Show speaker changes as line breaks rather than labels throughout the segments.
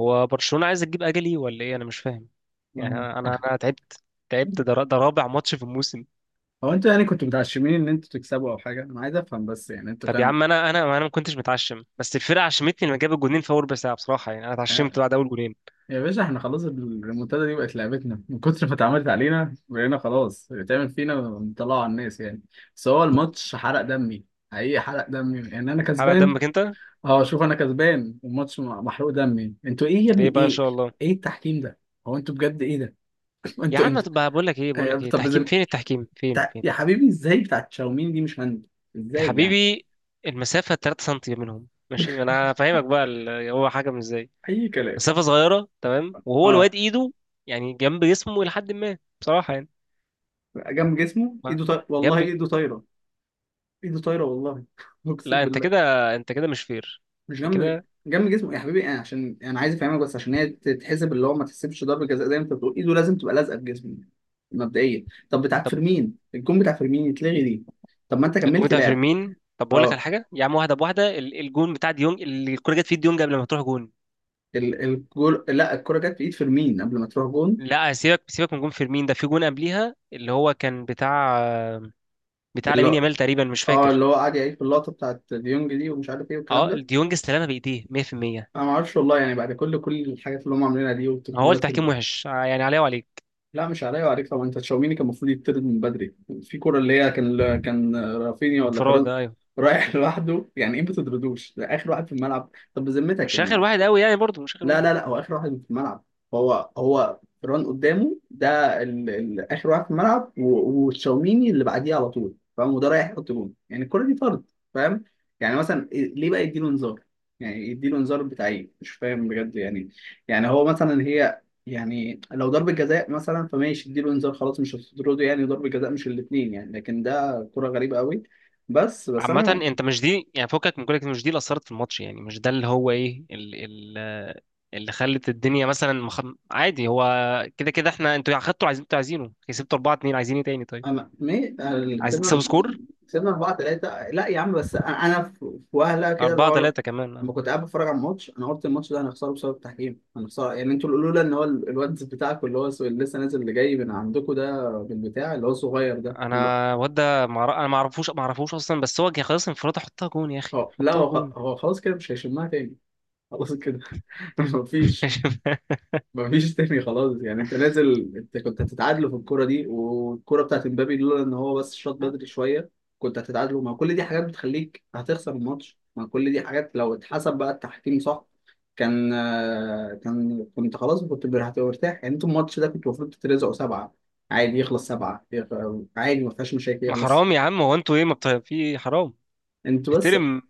هو برشلونة عايز تجيب اجلي ولا ايه؟ انا مش فاهم. يعني
آه.
انا انا أنا تعبت. تعبت، ده رابع ماتش في الموسم.
هو انتوا يعني كنتوا متعشمين ان انتوا تكسبوا او حاجه، انا عايز افهم بس. يعني انتوا
طب يا
كان
عم انا ما كنتش متعشم، بس الفرقه عشمتني لما جاب الجونين في اول ربع ساعه، بصراحه يعني انا
آه،
اتعشمت بعد اول جونين.
يا باشا احنا خلاص الريمونتادا دي بقت لعبتنا من كتر ما اتعملت علينا، بقينا خلاص بتعمل فينا مطلعوا على الناس يعني. بس هو الماتش حرق دمي، حقيقي حرق دمي يعني انا
حرق
كسبان.
دمك انت.
اه شوف، انا كسبان والماتش محروق دمي، انتوا ايه يا ابني
ليه بقى؟ ان
ايه؟
شاء الله.
ايه التحكيم ده؟ هو انتوا بجد ايه ده؟
يا
انتوا
عم
انتوا
بقى بقول لك ايه، بقول
آه،
لك ايه
طب
تحكيم؟
زم...
فين التحكيم؟ فين فين؟
يا حبيبي ازاي بتاعت شاومين دي مش هاند؟
يا
ازاي يعني؟
حبيبي المسافه 3 سم منهم، ماشي؟ انا فاهمك بقى، هو حكم ازاي؟
اي كلام.
مسافه صغيره، تمام، وهو
اه
الواد ايده يعني جنب جسمه الى حد ما، بصراحه يعني،
جنب جسمه ايده طايره، والله
جنب.
ايده طايره. ايده طايره والله اقسم
لا، انت
بالله.
كده، انت كده مش فير،
مش
انت
جنب،
كده.
جنب جسمه يا حبيبي. انا عشان انا عايز افهمك بس، عشان هي تتحسب اللي هو ما تحسبش ضربه جزاء زي ما انت بتقول، ايده لازم تبقى لازقه في جسمه مبدئيا. طب بتاع
طب
فيرمين، الجون بتاع فيرمين يتلغي دي؟ طب ما انت
الجون
كملت
بتاع
لعب.
فيرمين، طب بقول لك على
اه
حاجه يا عم، واحده بواحده، الجون بتاع ديونج اللي الكوره جت في ديونج قبل ما تروح جون.
الجول، لا الكره جت في ايد فيرمين قبل ما تروح جون.
لا، سيبك سيبك من جون فيرمين ده، في جون قبليها اللي هو كان بتاع
اللي
لامين
هو
يامال تقريبا، مش
اه
فاكر.
اللي هو قعد يعيد في اللقطه بتاعت ديونج دي ومش عارف ايه والكلام
اه،
ده.
ديونج استلمها بايديه 100%.
انا ما اعرفش والله، يعني بعد كل كل الحاجات اللي هم عاملينها دي
ما هو
والتقنيات.
التحكيم وحش يعني عليه وعليك.
لا، مش عليا وعليك طبعا، انت تشاوميني كان المفروض يطرد من بدري. في كرة اللي هي كان كان رافينيا ولا
انفراد.
فيران
آه، ايوه.
رايح لوحده، يعني ايه ما تطردوش؟ ده اخر واحد في الملعب، طب بذمتك
مش اخر
يعني.
واحد قوي يعني، برضه مش اخر
لا
واحد.
لا لا، هو اخر واحد في الملعب. هو هو ران قدامه، ده ال... ال... اخر واحد في الملعب و... وتشاوميني اللي بعديه على طول، فاهم؟ وده رايح يحط جون، يعني الكرة دي طرد، فاهم؟ يعني مثلا ليه بقى يديله انذار؟ يعني يديله انذار بتاع ايه؟ مش فاهم بجد يعني. يعني هو مثلا هي، يعني لو ضربة جزاء مثلا فماشي اديله انذار خلاص، مش هتطرده يعني، ضربة جزاء مش الاثنين يعني، لكن ده كرة غريبة قوي. بس بس
عامة
انا،
انت مش دي يعني، فكك من كل مش دي اللي اثرت في الماتش، يعني مش ده اللي هو ايه اللي خلت الدنيا مثلا عادي هو، كده كده. احنا انتوا اخدتوا، عايزين، انتوا عايزينه، كسبتوا 4-2، عايزين ايه تاني؟ طيب
انا
عايزين تكسبوا
كسبنا،
سكور
كسبنا 4-3. لا يا عم، بس انا أنا في، في وهله كده اللي
4
هو
3
لما
كمان؟
كنت قاعد بتفرج على الماتش انا قلت الماتش ده هنخسره بسبب التحكيم، هنخسره يعني. انتوا اللي لولا ان هو الواد بتاعكم اللي هو اللي لسه نازل، اللي جاي من عندكم ده بالبتاع، اللي هو الصغير ده اللي هو
انا الواد ده انا ما اعرفوش اصلا، بس هو جه خلاص، انفراد، حطها جون يا اخي،
هو- لا
حطها
هو
جون.
هو خلاص كده مش هيشمها تاني، خلاص كده مفيش، مفيش تاني خلاص يعني. انت نازل، انت كنت هتتعادلوا في الكرة دي، والكرة بتاعت امبابي لولا ان هو بس شاط بدري شوية كنت هتتعادلوا. ما كل دي حاجات بتخليك هتخسر الماتش، ما كل دي حاجات لو اتحسب بقى التحكيم صح كان آه، كان كنت خلاص كنت هتبقى مرتاح يعني. انتوا الماتش ده كنتوا المفروض تترزقوا سبعة، عادي يخلص سبعة عادي، ما فيهاش مشاكل
ما
يخلص.
حرام يا عم، هو انتوا ايه؟ ما بت... في حرام.
انتوا بس،
احترم،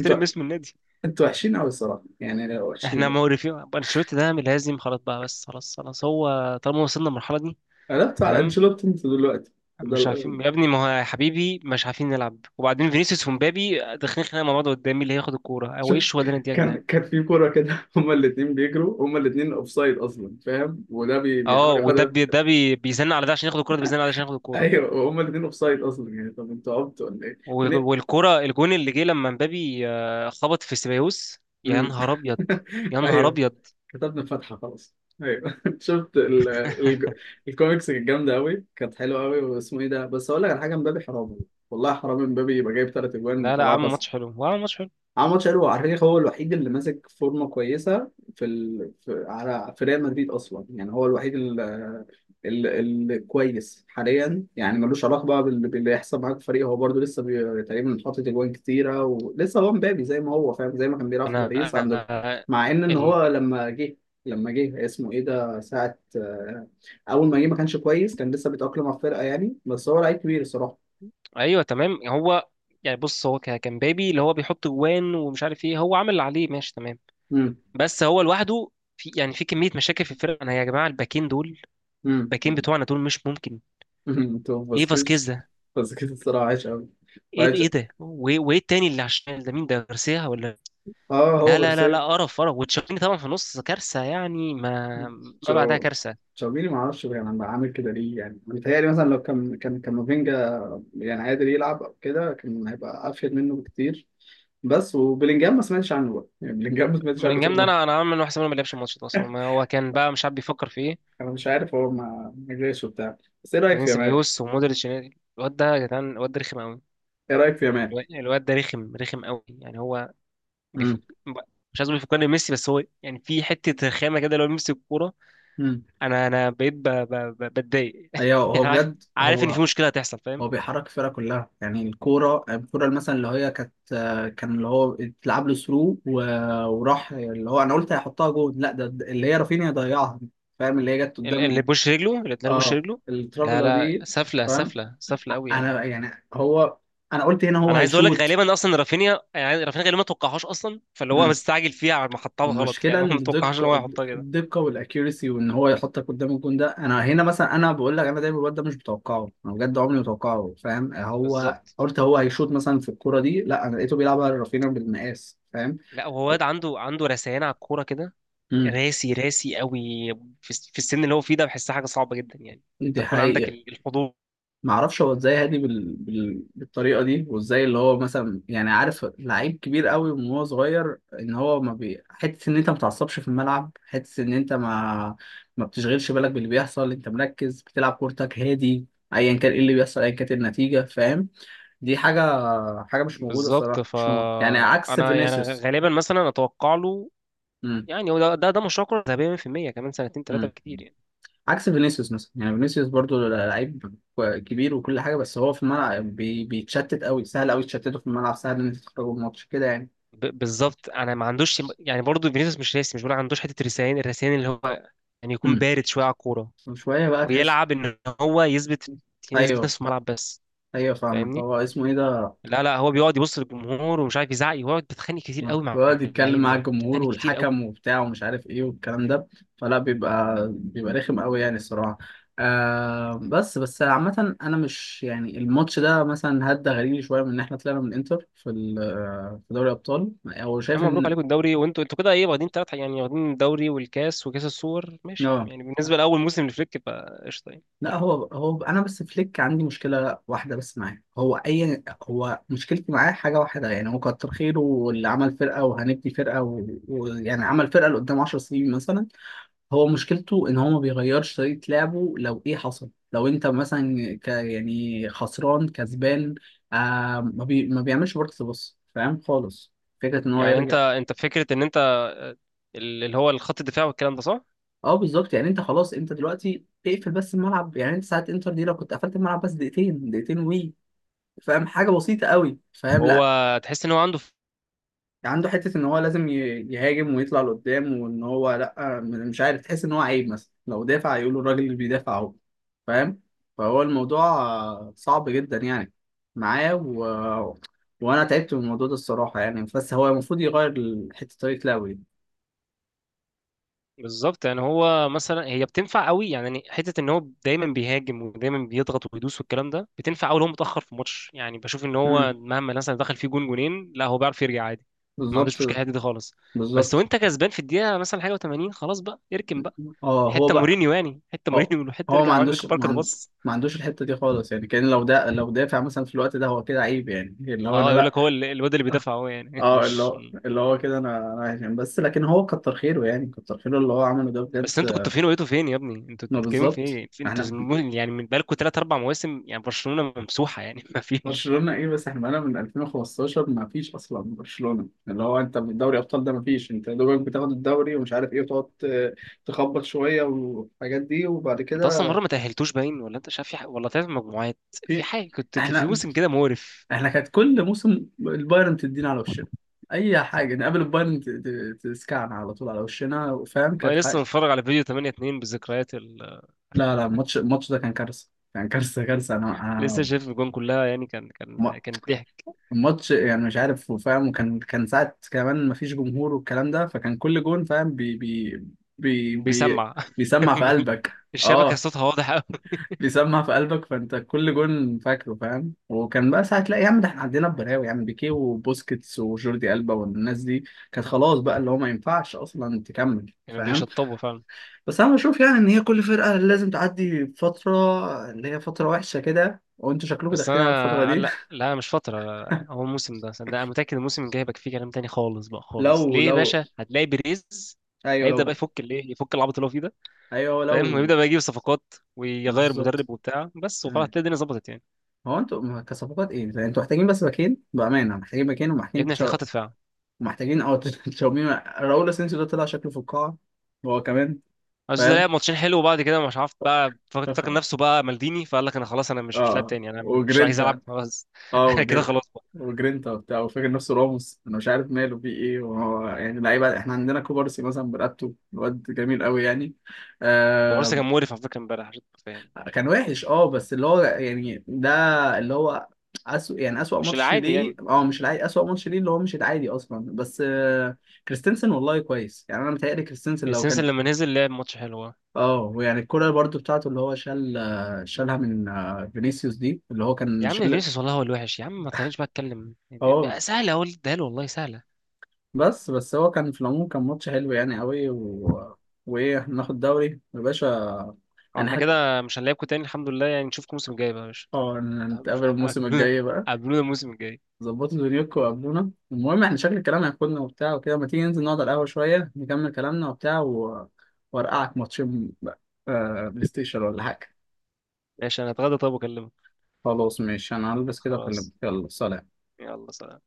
انتوا
اسم النادي.
انتوا وحشين قوي الصراحة يعني،
احنا
وحشين.
معرفين انشيلوتي ده من لازم، خلاص بقى، بس خلاص خلاص هو طالما وصلنا المرحله دي.
قلبتوا على
تمام.
انشيلوتي انتوا دلوقتي ده؟
مش عارفين يا ابني، ما هو يا حبيبي مش عارفين نلعب، وبعدين فينيسيوس ومبابي داخلين خناقه مع بعض قدامي، اللي هياخد الكوره، هو ايه
شفت
الشغل ده انت يا جدعان؟
كان كان في كوره كده هما الاثنين بيجروا، هما الاثنين اوف سايد اصلا، فاهم؟ وده
اه،
بيحاول
وده
ياخدها.
بي ده بي بيزن على ده عشان ياخد الكوره، ده بيزن على ده عشان ياخد الكوره.
ايوه هما الاثنين اوف سايد اصلا، يعني طب انتوا عبتوا ولا ايه؟ من...
و-
إيه؟
والكوره الجون اللي جه لما مبابي خبط في سيبايوس، يا
مم.
نهار ابيض. يا نهار
ايوه
ابيض.
كتبنا فتحه خلاص. ايوه شفت ال... ال... الكوميكس كانت جامده قوي، كانت حلوه قوي، واسمه ايه ده؟ بس اقول لك على حاجه، مبابي حرام والله، حرام مبابي يبقى جايب ثلاث اجوان
لا لا،
وطلعها.
عمل ماتش حلو، هو عمل ماتش حلو.
عمل ماتش حلو على فكره، هو الوحيد اللي ماسك فورمه كويسه في ال... في على في ريال مدريد اصلا يعني، هو الوحيد اللي اللي كويس حاليا، يعني ملوش علاقه بقى بال... باللي يحصل معاك في الفريق، هو برده لسه تقريبا حاطط اجوان كتيره، ولسه هو مبابي زي ما هو فاهم، زي ما كان بيلعب في
انا
باريس
انا
عندكم.
آه،
مع ان هو
ال...
لما جه، لما جه اسمه ايه ده ساعه آه، اول ما جه ما كانش كويس، كان لسه بيتاقلم على الفرقه يعني، بس هو لعيب كبير الصراحه.
ايوه، تمام، هو، يعني بص هو كان بابي اللي هو بيحط جوان ومش عارف ايه، هو عمل اللي عليه، ماشي تمام.
امم
بس هو لوحده في كميه مشاكل في الفرقه. انا يا جماعه الباكين دول،
امم،
الباكين
امم.
بتوعنا دول مش ممكن.
تو
ايه
باسكيز.
فاسكيز ده؟
باسكيز الصراحة عايش أوي،
ايه
وعايش.
ايه ده وإيه التاني اللي على الشمال ده، مين ده، غارسيا ولا؟
اه هو
لا لا لا
جارسيا.
لا، قرف قرف، وتشاوميني طبعا في النص كارثه يعني، ما بعدها
تشاو-
كارثه.
تشاوميني ما اعرفش يعني، عامل كده ليه؟ يعني متهيألي مثلا لو كان كان كامافينجا يعني قادر يلعب او كده كان هيبقى افيد منه بكتير. بس وبلينجهام ما سمعتش عنه بقى يعني، بلينجهام ما سمعتش عنه طول
بلينجهام ده
عمري.
انا عامل واحد ما لعبش الماتش ده اصلا، ما هو كان بقى مش عارف بيفكر في ايه.
انا مش عارف هو ما جاش وبتاع. بس ايه رايك
بعدين
في يامال؟
سيبايوس ومودريتش، الواد ده يا جدعان، الواد ده رخم قوي،
ايه رايك في يامال؟
الواد ده رخم رخم قوي يعني. هو بيفك،
امم
مش عايز اقول بيفكرني بميسي، بس هو يعني في حته رخامه كده، لو ميسي الكوره
امم
انا بقيت بتضايق.
ايوه هو
عارف.
بجد
عارف ان في
هو،
مشكله هتحصل، فاهم.
هو بيحرك الفرقة كلها يعني. الكورة الكورة مثلا اللي هي كانت، كان اللي هو اتلعب له ثرو وراح اللي هو، انا قلت هيحطها جول، لا ده ده اللي هي رافينيا ضيعها، فاهم؟ اللي هي جت
اللي
قدام.
بوش رجله، اللي اتنين بوش
اه
رجله. لا
الترافيلا
لا،
دي،
سفله
فاهم؟
سفله سفله قوي يعني.
انا يعني هو، انا قلت هنا هو
انا عايز اقول لك
هيشوط.
غالبا اصلا رافينيا، يعني رافينيا غالبا ما توقعهاش اصلا، فاللي هو مستعجل فيها على ما حطها غلط،
المشكلة
يعني هو ما توقعهاش ان
الدقة،
هو يحطها كده.
الدقة والاكيوريسي وان هو يحطك قدام الجون ده. انا هنا مثلا انا بقول لك، انا دايما الواد ده مش متوقعه، انا بجد عمري ما متوقعه، فاهم؟ هو
بالظبط.
قلت هو هيشوط مثلا في الكورة دي، لا انا لقيته بيلعبها رافينا بالمقاس، فاهم؟
لا هو واد عنده رثيان على الكوره كده،
امم
راسي راسي قوي. في السن اللي هو فيه ده بحسها حاجه صعبه جدا يعني، انت
دي
تكون عندك
حقيقة.
الحضور.
ما اعرفش هو ازاي هادي بال... بال... بالطريقه دي، وازاي اللي هو مثلا يعني، عارف لعيب كبير قوي من هو صغير، ان هو ما بي... حته ان انت ما تعصبش في الملعب، حته ان انت ما بتشغلش بالك باللي بيحصل، انت مركز بتلعب كورتك هادي ايا كان ايه اللي بيحصل، ايا كانت النتيجه، فاهم؟ دي حاجه، حاجه مش موجوده
بالظبط،
الصراحه، مش موجودة. يعني عكس
فانا يعني
فينيسيوس.
غالبا مثلا اتوقع له، يعني هو ده مشروع كرة ذهبية 100%، كمان سنتين ثلاثة
امم
كتير يعني.
عكس فينيسيوس مثلا يعني. فينيسيوس برضو لعيب كبير وكل حاجه، بس هو في الملعب بيتشتت قوي، سهل قوي تشتته في الملعب، سهل ان انت تخرجه من الماتش كده يعني.
بالظبط، انا ما عندوش يعني، برضه فينيسيوس مش راسي، مش بقول عندوش حتة الرسيان، الرسيان اللي هو يعني يكون
امم
بارد شوية على الكورة،
وشويه بقى تحس.
ويلعب ان هو يثبت، يعني يثبت
ايوه
نفسه في الملعب بس.
ايوه فاهمك.
فاهمني.
هو اسمه ايه ده؟
لا لا، هو بيقعد يبص للجمهور ومش عارف يزعق، يقعد بيتخانق كتير قوي مع
بيقعد يتكلم مع
اللعيبة،
الجمهور
بيتخانق كتير قوي.
والحكم وبتاع ومش عارف ايه والكلام ده، فلا بيبقى، بيبقى رخم قوي يعني الصراحه. آه، بس بس عامة أنا مش يعني، الماتش ده مثلا هدى غريب شوية من إن إحنا طلعنا من إنتر في في دوري الأبطال، أو
يا
شايف
عم مبروك
إن
عليكم الدوري، وانتوا كده ايه؟ واخدين ثلاث يعني، واخدين الدوري والكاس وكاس السوبر، ماشي
آه.
يعني، بالنسبة لأول موسم لفليك بقى قشطة يعني.
لا هو هو انا بس فليك عندي مشكله واحده بس معاه. هو اي هو مشكلتي معاه حاجه واحده يعني، هو كتر خيره واللي عمل فرقه وهنبني فرقه ويعني و... و- يعني عمل فرقه لقدام 10 سنين مثلا. هو مشكلته ان هو ما بيغيرش طريقه لعبه لو ايه حصل، لو انت مثلا ك... يعني خسران كسبان، آه ما بيعملش ورك بص، فاهم خالص؟ فكره ان هو
يعني انت
يرجع.
انت فكره ان انت اللي هو الخط الدفاع والكلام ده، صح؟
اه بالظبط، يعني انت خلاص، انت دلوقتي اقفل بس الملعب يعني. انت ساعه انتر دي لو كنت قفلت الملعب بس دقيقتين وي، فاهم؟ حاجه بسيطه قوي، فاهم؟
هو
لا،
تحس ان هو عنده
عنده حته ان هو لازم يهاجم ويطلع لقدام وان هو لا، مش عارف، تحس ان هو عيب مثلا لو دافع، يقولوا الراجل اللي بيدافع اهو، فاهم؟ فهو الموضوع آه، صعب جدا يعني، معاه و... وانا تعبت من الموضوع ده الصراحه يعني، بس هو المفروض يغير حته طريقه لعبه دي.
بالظبط، يعني هو مثلا هي بتنفع قوي يعني، حته ان هو دايما بيهاجم ودايما بيضغط وبيدوس والكلام ده، بتنفع قوي لو هو متاخر في ماتش، يعني بشوف ان هو
مم.
مهما مثلا دخل فيه جون جونين، لا هو بيعرف يرجع عادي. ما
بالظبط.
عندوش مشكله في الحتة دي خالص. بس
بالظبط.
وانت كسبان في الدقيقه مثلا حاجه و80، خلاص بقى اركن بقى.
اه هو
حته
بقى،
مورينيو، يعني حته
هو,
مورينيو حته
هو ما
ارجع
عندوش
اركن
ما,
بركه، ده
عن...
بص.
ما عندوش الحته دي خالص يعني. كان لو ده لو دافع مثلا في الوقت ده هو كده عيب يعني، اللي هو انا
اه، يقول
لا،
لك هو الواد اللي بيدافع هو يعني
اه اللي
مش.
هو اللي هو كده انا انا عايش يعني. بس لكن هو كتر خيره يعني، كتر خيره اللي هو عمله ده
بس
بجد.
انتوا كنتوا فين، وقيتوا فين يا ابني، انتوا
ما
بتتكلموا في
بالظبط
ايه؟ انتوا
احنا،
يعني من بقالكم ثلاث اربع مواسم يعني برشلونة ممسوحة يعني ما فيش.
برشلونة ايه بس احنا بقالنا من 2015 ما فيش اصلا برشلونة اللي هو. انت من دوري ابطال ده ما فيش، انت يا دوبك بتاخد الدوري ومش عارف ايه، وتقعد تخبط شوية والحاجات دي، وبعد
انت اصلا
كده
مره ما تاهلتوش باين، ولا انت مش عارف في حاجة، ولا طلعت مجموعات. في
في
حاجه كنت في
احنا،
موسم كده مقرف.
احنا كانت كل موسم البايرن تدينا على وشنا. اي حاجة نقابل البايرن تسكعنا على طول على وشنا، فاهم؟
والله
كانت
لسه متفرج على فيديو 8-2 بالذكريات
لا لا، الماتش الماتش ده كان كارثة، كان كارثة كارثة. أنا
لسه شايف الجون كلها يعني، كان
م-
كان كان ضحك.
الماتش يعني مش عارف فاهم، وكان كان ساعة كمان مفيش جمهور والكلام ده، فكان كل جون فاهم بي بي بي بي
بيسمع
بيسمع في
الجون.
قلبك.
الشبكه
اه
صوتها واضح قوي.
بيسمع في قلبك، فأنت كل جون فاكره فاهم، وكان بقى ساعة لا يا عم ده احنا عندنا بلاوي يعني، بيكيه وبوسكيتس وجوردي ألبا والناس دي كانت خلاص بقى اللي هو ما ينفعش أصلا تكمل،
يعني
فاهم.
بيشطبوا فعلا.
بس انا بشوف يعني ان هي كل فرقه لازم تعدي فتره، اللي هي فتره وحشه كده، وانتوا شكلكم
بس
داخلين على الفتره
انا
دي.
لا لا، مش فتره. هو الموسم ده، صدق انا متاكد الموسم الجاي هيبقى فيه كلام تاني خالص بقى خالص،
لو
ليه يا
لو،
باشا؟ هتلاقي بيريز
ايوه
هيبدا بقى
لو،
يفك الايه، يفك العبط اللي هو فيه ده،
ايوه
فاهم،
لو،
ويبدا بقى يجيب صفقات ويغير
بالظبط.
مدرب وبتاع، بس وخلاص
أيوة.
هتلاقي الدنيا ظبطت يعني.
هو انتوا كصفقات ايه؟ يعني انتوا محتاجين بس باكين بامانه، محتاجين باكين
يا
ومحتاجين
ابني هتلاقي
تشا...
خط دفاع.
محتاجين او تشاومين. راؤول اسينسيو ده طلع شكله في القاعه هو كمان،
بس ده
فاهم؟
لعب ماتشين حلو، وبعد كده مش عارف بقى، فاكر فاكر نفسه بقى مالديني، فقال لك انا خلاص، انا مش لاعب
اه
تاني، انا مش عايز العب
وجرينتا،
خلاص
اه
انا كده خلاص بقى.
وجرينتا وبتاع وفاكر نفسه راموس. انا مش عارف ماله فيه ايه وهو يعني لعيبه، احنا عندنا كوبارسي مثلا برقبته الواد جميل قوي يعني.
كوبارسي
آه...
كان مقرف على فكره امبارح، عشان تبقى فاهم.
كان وحش، اه بس اللي هو يعني ده اللي هو أسوأ يعني، أسوأ
مش
ماتش
العادي
ليه،
يعني.
اه مش العادي، أسوأ ماتش ليه اللي هو مش العادي اصلا، بس آه... كريستنسن والله كويس يعني، انا متهيألي كريستنسن لو
السنس
كان
لما نزل لعب ماتش حلو.
اه يعني. الكرة برضو بتاعته اللي هو شال آه، شالها من آه، فينيسيوس دي اللي هو كان
يا عم
شال.
فينيسيوس والله هو الوحش، يا عم ما تخلينيش بقى اتكلم
اه
بقى، سهله اقول ده له والله، سهله.
بس بس هو كان في العموم كان ماتش حلو يعني قوي و... وايه؟ احنا ناخد دوري يا باشا.
هو
انا
احنا
حاج...
كده مش هنلاعبكم تاني، الحمد لله، يعني نشوفكم الموسم الجاي بقى يا باشا.
اه نتقابل الموسم
قابلونا.
الجاي بقى.
قابلونا الموسم الجاي.
ظبطوا دنيوكوا وقابلونا. المهم احنا شكل الكلام هياخدنا وبتاع وكده، ما تيجي ننزل نقعد على القهوة شوية نكمل كلامنا وبتاع و... وارقعك ماتشين بقى، آه بلاي ستيشن ولا حاجة.
ماشي، انا هتغدى، طب واكلمك.
خلاص ماشي، انا هلبس كده اكلمك،
خلاص،
يلا سلام.
يلا سلام.